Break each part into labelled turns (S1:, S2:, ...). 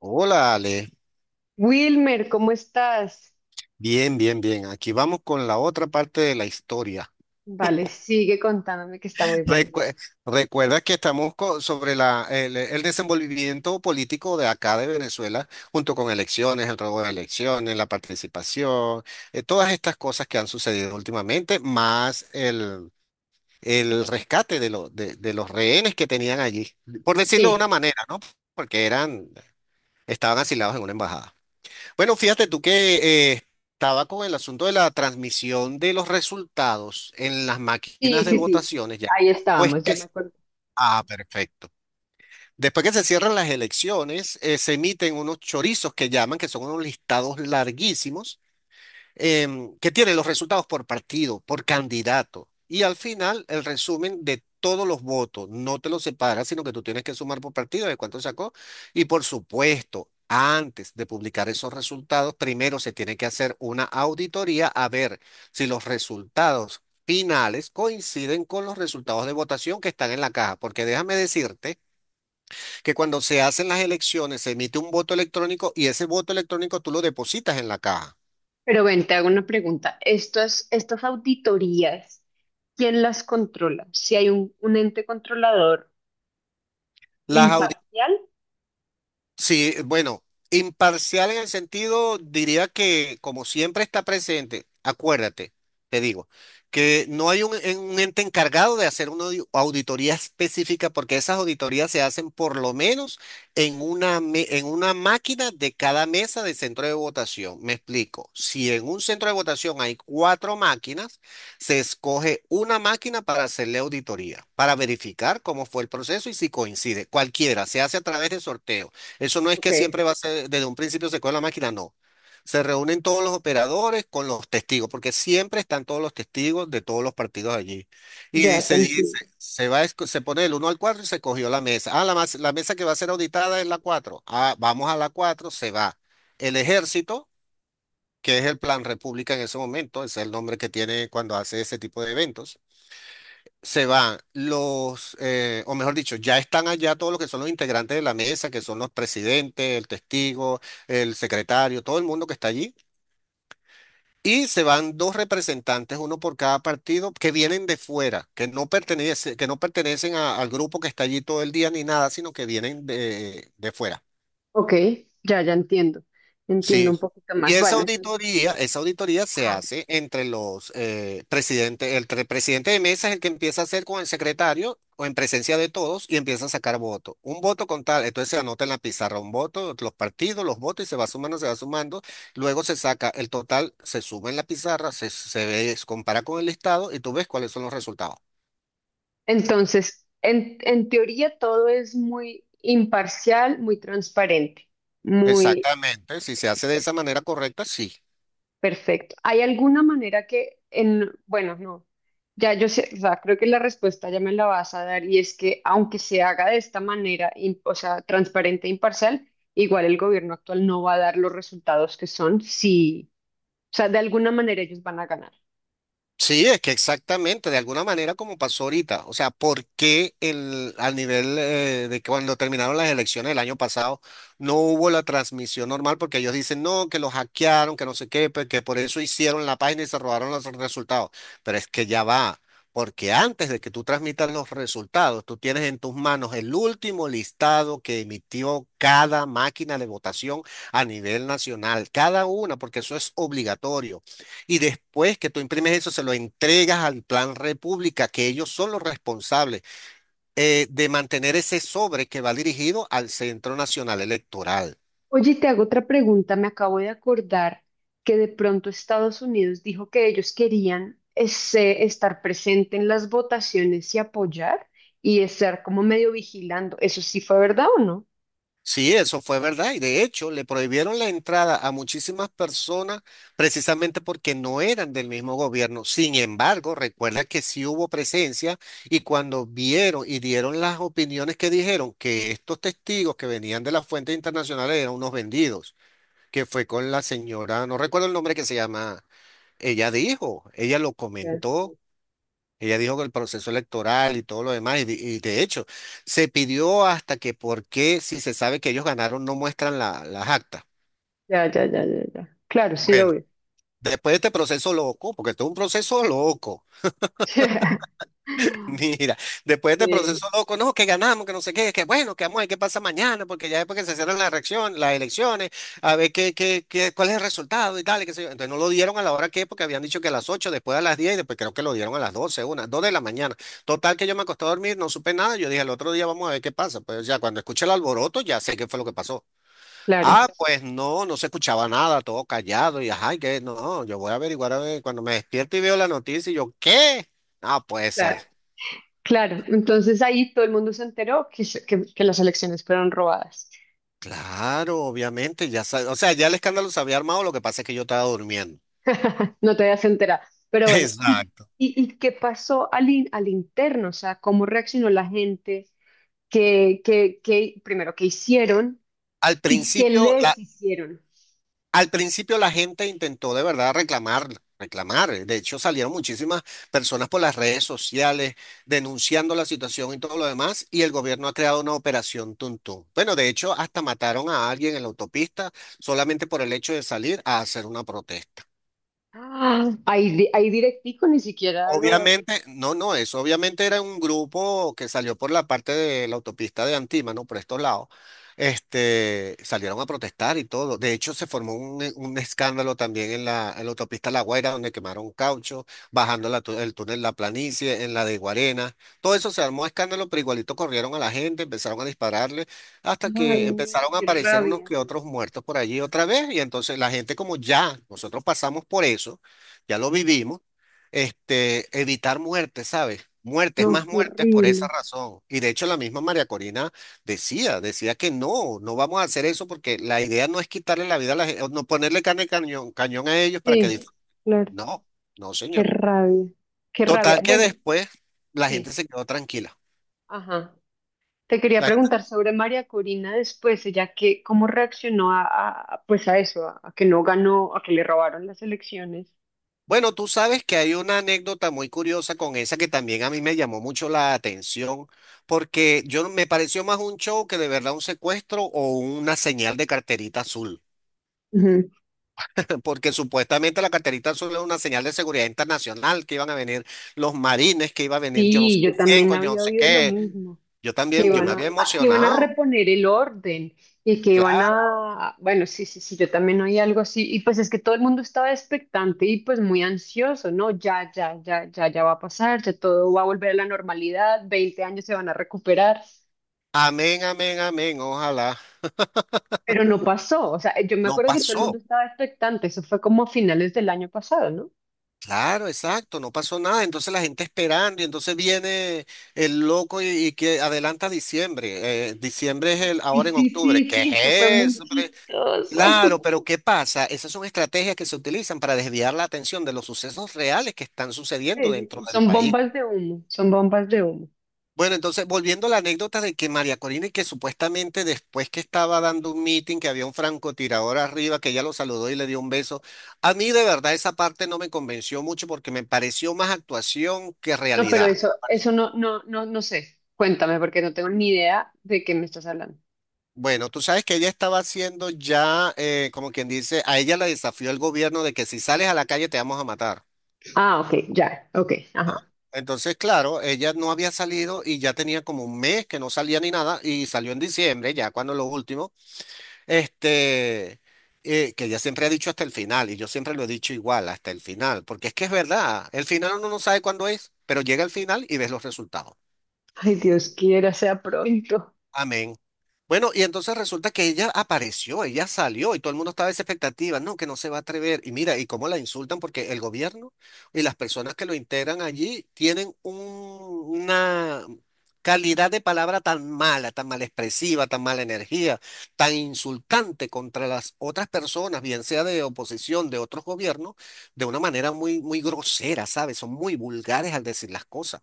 S1: Hola, Ale.
S2: Wilmer, ¿cómo estás?
S1: Bien, bien, bien. Aquí vamos con la otra parte de la historia.
S2: Vale, sigue contándome que está muy bueno.
S1: Recue- Recuerda que estamos sobre el desenvolvimiento político de acá de Venezuela, junto con elecciones, el robo de elecciones, la participación, todas estas cosas que han sucedido últimamente, más el rescate de los rehenes que tenían allí, por decirlo de una
S2: Sí,
S1: manera, ¿no? Porque eran, estaban asilados en una embajada. Bueno, fíjate tú que estaba con el asunto de la transmisión de los resultados en las
S2: sí,
S1: máquinas de
S2: sí, sí.
S1: votaciones ya.
S2: Ahí
S1: Pues
S2: estábamos, ya
S1: que...
S2: me acuerdo.
S1: Ah, perfecto. Después que se cierran las elecciones, se emiten unos chorizos que llaman, que son unos listados larguísimos, que tiene los resultados por partido, por candidato. Y al final, el resumen de todos los votos. No te los separa, sino que tú tienes que sumar por partido de cuánto sacó. Y por supuesto, antes de publicar esos resultados, primero se tiene que hacer una auditoría a ver si los resultados finales coinciden con los resultados de votación que están en la caja. Porque déjame decirte que cuando se hacen las elecciones, se emite un voto electrónico y ese voto electrónico tú lo depositas en la caja.
S2: Pero ven, te hago una pregunta. Estas auditorías, ¿quién las controla? Si hay un ente controlador
S1: Las auditorías
S2: imparcial.
S1: Sí, bueno, imparcial en el sentido, diría que como siempre está presente, acuérdate, te digo, que no hay un ente encargado de hacer una auditoría específica porque esas auditorías se hacen por lo menos en en una máquina de cada mesa de centro de votación. Me explico, si en un centro de votación hay cuatro máquinas, se escoge una máquina para hacerle auditoría, para verificar cómo fue el proceso y si coincide. Cualquiera, se hace a través de sorteo. Eso no es
S2: Ok,
S1: que siempre va a ser, desde un principio se coge la máquina, no. Se reúnen todos los operadores con los testigos, porque siempre están todos los testigos de todos los partidos allí. Y
S2: ya te
S1: se dice,
S2: entiendo.
S1: se va, se pone el uno al 4 y se cogió la mesa. Ah, la mesa que va a ser auditada es la cuatro. Ah, vamos a la 4 se va. El ejército, que es el Plan República en ese momento, ese es el nombre que tiene cuando hace ese tipo de eventos, se van los, o mejor dicho, ya están allá todos los que son los integrantes de la mesa, que son los presidentes, el testigo, el secretario, todo el mundo que está allí. Y se van dos representantes, uno por cada partido, que vienen de fuera, que no pertenecen al grupo que está allí todo el día ni nada, sino que vienen de fuera.
S2: Ok, ya, ya entiendo. Entiendo
S1: Sí.
S2: un poquito
S1: Y
S2: más. Bueno, entonces,
S1: esa auditoría se
S2: ajá.
S1: hace entre los presidentes, presidente de mesa es el que empieza a hacer con el secretario o en presencia de todos y empieza a sacar votos. Un voto con tal, entonces se anota en la pizarra un voto, los partidos, los votos y se va sumando, se va sumando. Luego se saca el total, se suma en la pizarra, se ve, se compara con el listado y tú ves cuáles son los resultados.
S2: Entonces, en teoría todo es muy imparcial, muy transparente, muy...
S1: Exactamente, si se hace de esa manera correcta, sí.
S2: Perfecto. ¿Hay alguna manera que en, bueno, no, ya yo sé, o sea, creo que la respuesta ya me la vas a dar y es que aunque se haga de esta manera, im- o sea, transparente e imparcial, igual el gobierno actual no va a dar los resultados que son si, o sea, de alguna manera ellos van a ganar.
S1: Sí, es que exactamente, de alguna manera como pasó ahorita. O sea, ¿por qué al nivel de que cuando terminaron las elecciones el año pasado no hubo la transmisión normal? Porque ellos dicen, no, que los hackearon, que no sé qué, pues, que por eso hicieron la página y se robaron los resultados. Pero es que ya va, porque antes de que tú transmitas los resultados, tú tienes en tus manos el último listado que emitió cada máquina de votación a nivel nacional, cada una, porque eso es obligatorio. Y después que tú imprimes eso, se lo entregas al Plan República, que ellos son los responsables de mantener ese sobre que va dirigido al Centro Nacional Electoral.
S2: Oye, te hago otra pregunta, me acabo de acordar que de pronto Estados Unidos dijo que ellos querían ese- estar presente en las votaciones y apoyar y estar como medio vigilando. ¿Eso sí fue verdad o no?
S1: Sí, eso fue verdad. Y de hecho, le prohibieron la entrada a muchísimas personas precisamente porque no eran del mismo gobierno. Sin embargo, recuerda que sí hubo presencia y cuando vieron y dieron las opiniones, que dijeron que estos testigos que venían de las fuentes internacionales eran unos vendidos. Que fue con la señora, no recuerdo el nombre que se llama, ella dijo, ella lo
S2: Ya,
S1: comentó, ella dijo que el proceso electoral y todo lo demás, y de hecho, se pidió hasta que por qué, si se sabe que ellos ganaron, no muestran las actas.
S2: ya, ya, ya, ya. Ya. Claro, sí,
S1: Bueno,
S2: obvio.
S1: después de este proceso loco, porque esto es un proceso loco. Mira, después de este
S2: Sí,
S1: proceso loco, no, que ganamos, que no sé qué, que bueno, que vamos a ver qué pasa mañana, porque ya después que se cierran las elecciones, a ver qué, qué, qué, cuál es el resultado y tal, y qué sé yo. Entonces no lo dieron a la hora que, porque habían dicho que a las 8, después a las 10, y después creo que lo dieron a las 12, 1, 2 de la mañana. Total que yo me acosté a dormir, no supe nada, yo dije, el otro día vamos a ver qué pasa. Pues ya cuando escuché el alboroto, ya sé qué fue lo que pasó.
S2: claro,
S1: Ah, pues no, no se escuchaba nada, todo callado, y ay, que no, yo voy a averiguar a ver, cuando me despierto y veo la noticia, y yo, ¿qué? No puede
S2: claro,
S1: ser.
S2: claro. Entonces ahí todo el mundo se enteró que las elecciones fueron robadas.
S1: Claro, obviamente, o sea, ya el escándalo se había armado, lo que pasa es que yo estaba durmiendo.
S2: No te habías enterado. Pero bueno, ¿y,
S1: Exacto.
S2: y, y qué pasó al, in- al interno? O sea, ¿cómo reaccionó la gente? ¿Qué, qué, qué- primero, qué hicieron
S1: Al
S2: y qué
S1: principio,
S2: les
S1: la,
S2: hicieron?
S1: Al principio la gente intentó de verdad reclamar, reclamar. De hecho, salieron muchísimas personas por las redes sociales denunciando la situación y todo lo demás, y el gobierno ha creado una operación Tuntún. Bueno, de hecho, hasta mataron a alguien en la autopista solamente por el hecho de salir a hacer una protesta.
S2: Ah, ahí, di- ahí directico ni siquiera lo...
S1: Obviamente, no, no, eso obviamente era un grupo que salió por la parte de la autopista de Antímano, por estos lados. Salieron a protestar y todo. De hecho, se formó un escándalo también en en la autopista La Guaira, donde quemaron caucho, bajando el túnel La Planicie, en la de Guarena. Todo eso se armó escándalo, pero igualito corrieron a la gente, empezaron a dispararle, hasta
S2: Ay,
S1: que
S2: no,
S1: empezaron a
S2: qué
S1: aparecer unos
S2: rabia.
S1: que otros muertos por allí otra vez. Y entonces la gente, como ya nosotros pasamos por eso, ya lo vivimos, evitar muertes, ¿sabes? Muertes,
S2: No,
S1: más
S2: qué
S1: muertes por esa
S2: horrible.
S1: razón. Y de hecho la misma María Corina decía que no, no vamos a hacer eso porque la idea no es quitarle la vida a la gente, no ponerle carne de cañón, cañón a ellos para que
S2: Sí,
S1: disfruten.
S2: claro,
S1: No, no,
S2: qué
S1: señor.
S2: rabia, qué rabia.
S1: Total que
S2: Bueno,
S1: después la gente
S2: sí,
S1: se quedó tranquila.
S2: ajá. Te quería
S1: La gente-
S2: preguntar sobre María Corina después, ella que, cómo reaccionó a, pues a eso, a que no ganó, a que le robaron las elecciones.
S1: Bueno, tú sabes que hay una anécdota muy curiosa con esa que también a mí me llamó mucho la atención, porque yo me pareció más un show que de verdad un secuestro o una señal de carterita azul.
S2: Ujú.
S1: Porque supuestamente la carterita azul es una señal de seguridad internacional, que iban a venir los marines, que iba a venir yo no sé
S2: Sí, yo
S1: quién,
S2: también
S1: con yo no
S2: había
S1: sé
S2: oído lo
S1: qué.
S2: mismo.
S1: Yo
S2: Que
S1: también, yo me
S2: iban
S1: había
S2: a, que iban a
S1: emocionado,
S2: reponer el orden y que iban
S1: claro.
S2: a, bueno, sí, sí, sí, yo también oí algo así, y pues es que todo el mundo estaba expectante y pues muy ansioso, ¿no? Ya, ya, ya, ya, ya va a pasar, ya todo va a volver a la normalidad, 20 años se van a recuperar,
S1: Amén, amén, amén, ojalá.
S2: pero no pasó, o sea, yo me
S1: No
S2: acuerdo que todo el mundo
S1: pasó,
S2: estaba expectante, eso fue como a finales del año pasado, ¿no?
S1: claro, exacto, no pasó nada. Entonces la gente esperando y entonces viene el loco y que adelanta diciembre. Diciembre es el,
S2: Sí,
S1: ahora en
S2: sí,
S1: octubre.
S2: sí,
S1: ¿Qué
S2: sí,
S1: es
S2: eso fue muy
S1: eso?
S2: chistoso.
S1: Claro, pero ¿qué pasa? Esas son estrategias que se utilizan para desviar la atención de los sucesos reales que están
S2: Sí,
S1: sucediendo
S2: sí,
S1: dentro
S2: sí,
S1: del
S2: son
S1: país.
S2: bombas de humo, son bombas de humo.
S1: Bueno, entonces, volviendo a la anécdota de que María Corina, y que supuestamente después que estaba dando un meeting, que había un francotirador arriba, que ella lo saludó y le dio un beso, a mí de verdad esa parte no me convenció mucho porque me pareció más actuación que
S2: No, pero
S1: realidad.
S2: eso no, no, no, no sé. Cuéntame, porque no tengo ni idea de qué me estás hablando.
S1: Bueno, tú sabes que ella estaba haciendo ya, como quien dice, a ella la desafió el gobierno de que si sales a la calle te vamos a matar.
S2: Ah, ok, ya, ok, ajá.
S1: Entonces, claro, ella no había salido y ya tenía como un mes que no salía ni nada y salió en diciembre, ya cuando lo último, este, que ella siempre ha dicho hasta el final y yo siempre lo he dicho igual, hasta el final, porque es que es verdad, el final uno no sabe cuándo es, pero llega el final y ves los resultados.
S2: Ay, Dios quiera, sea pronto.
S1: Amén. Bueno, y entonces resulta que ella apareció, ella salió y todo el mundo estaba en esa expectativa, no, que no se va a atrever. Y mira, y cómo la insultan porque el gobierno y las personas que lo integran allí tienen una calidad de palabra tan mala, tan mal expresiva, tan mala energía, tan insultante contra las otras personas, bien sea de oposición, de otros gobiernos, de una manera muy, muy grosera, ¿sabes? Son muy vulgares al decir las cosas.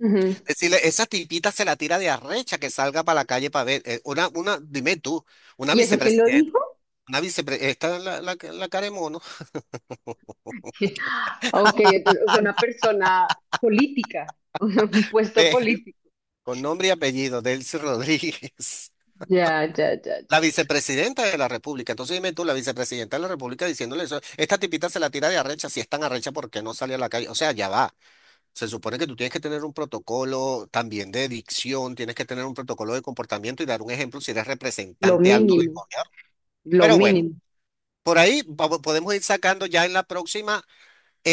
S2: Ujú.
S1: Decirle, esa tipita se la tira de arrecha que salga para la calle para ver. Dime tú, una
S2: ¿Y eso quién lo
S1: vicepresidenta,
S2: dijo?
S1: una vicepresidenta, esta es la cara de mono,
S2: Ok, entonces, o sea, una persona política, un puesto
S1: eh,
S2: político.
S1: con nombre y apellido, Delcy Rodríguez,
S2: Ya, ya, ya, ya,
S1: la
S2: ya.
S1: vicepresidenta de la República. Entonces dime tú, la vicepresidenta de la República diciéndole eso, esta tipita se la tira de arrecha, si es tan arrecha, ¿por qué no sale a la calle? O sea, ya va. Se supone que tú tienes que tener un protocolo también de dicción, tienes que tener un protocolo de comportamiento y dar un ejemplo si eres
S2: Lo
S1: representante alto del
S2: mínimo,
S1: gobierno.
S2: lo
S1: Pero bueno.
S2: mínimo.
S1: Por ahí podemos ir sacando ya en la próxima,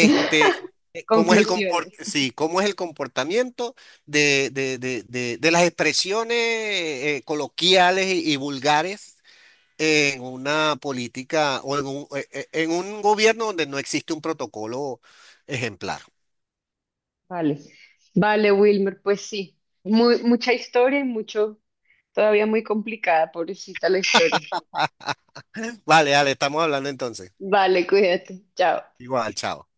S1: cómo es el comport-
S2: Conclusiones.
S1: sí, cómo es el comportamiento de las expresiones coloquiales y vulgares en una política o en en un gobierno donde no existe un protocolo ejemplar.
S2: Vale. Vale, Wilmer, pues sí. Muy, mucha historia y mucho, todavía muy complicada, pobrecita la historia.
S1: Vale, dale, estamos hablando entonces.
S2: Vale, cuídate. Chao.
S1: Igual, chao.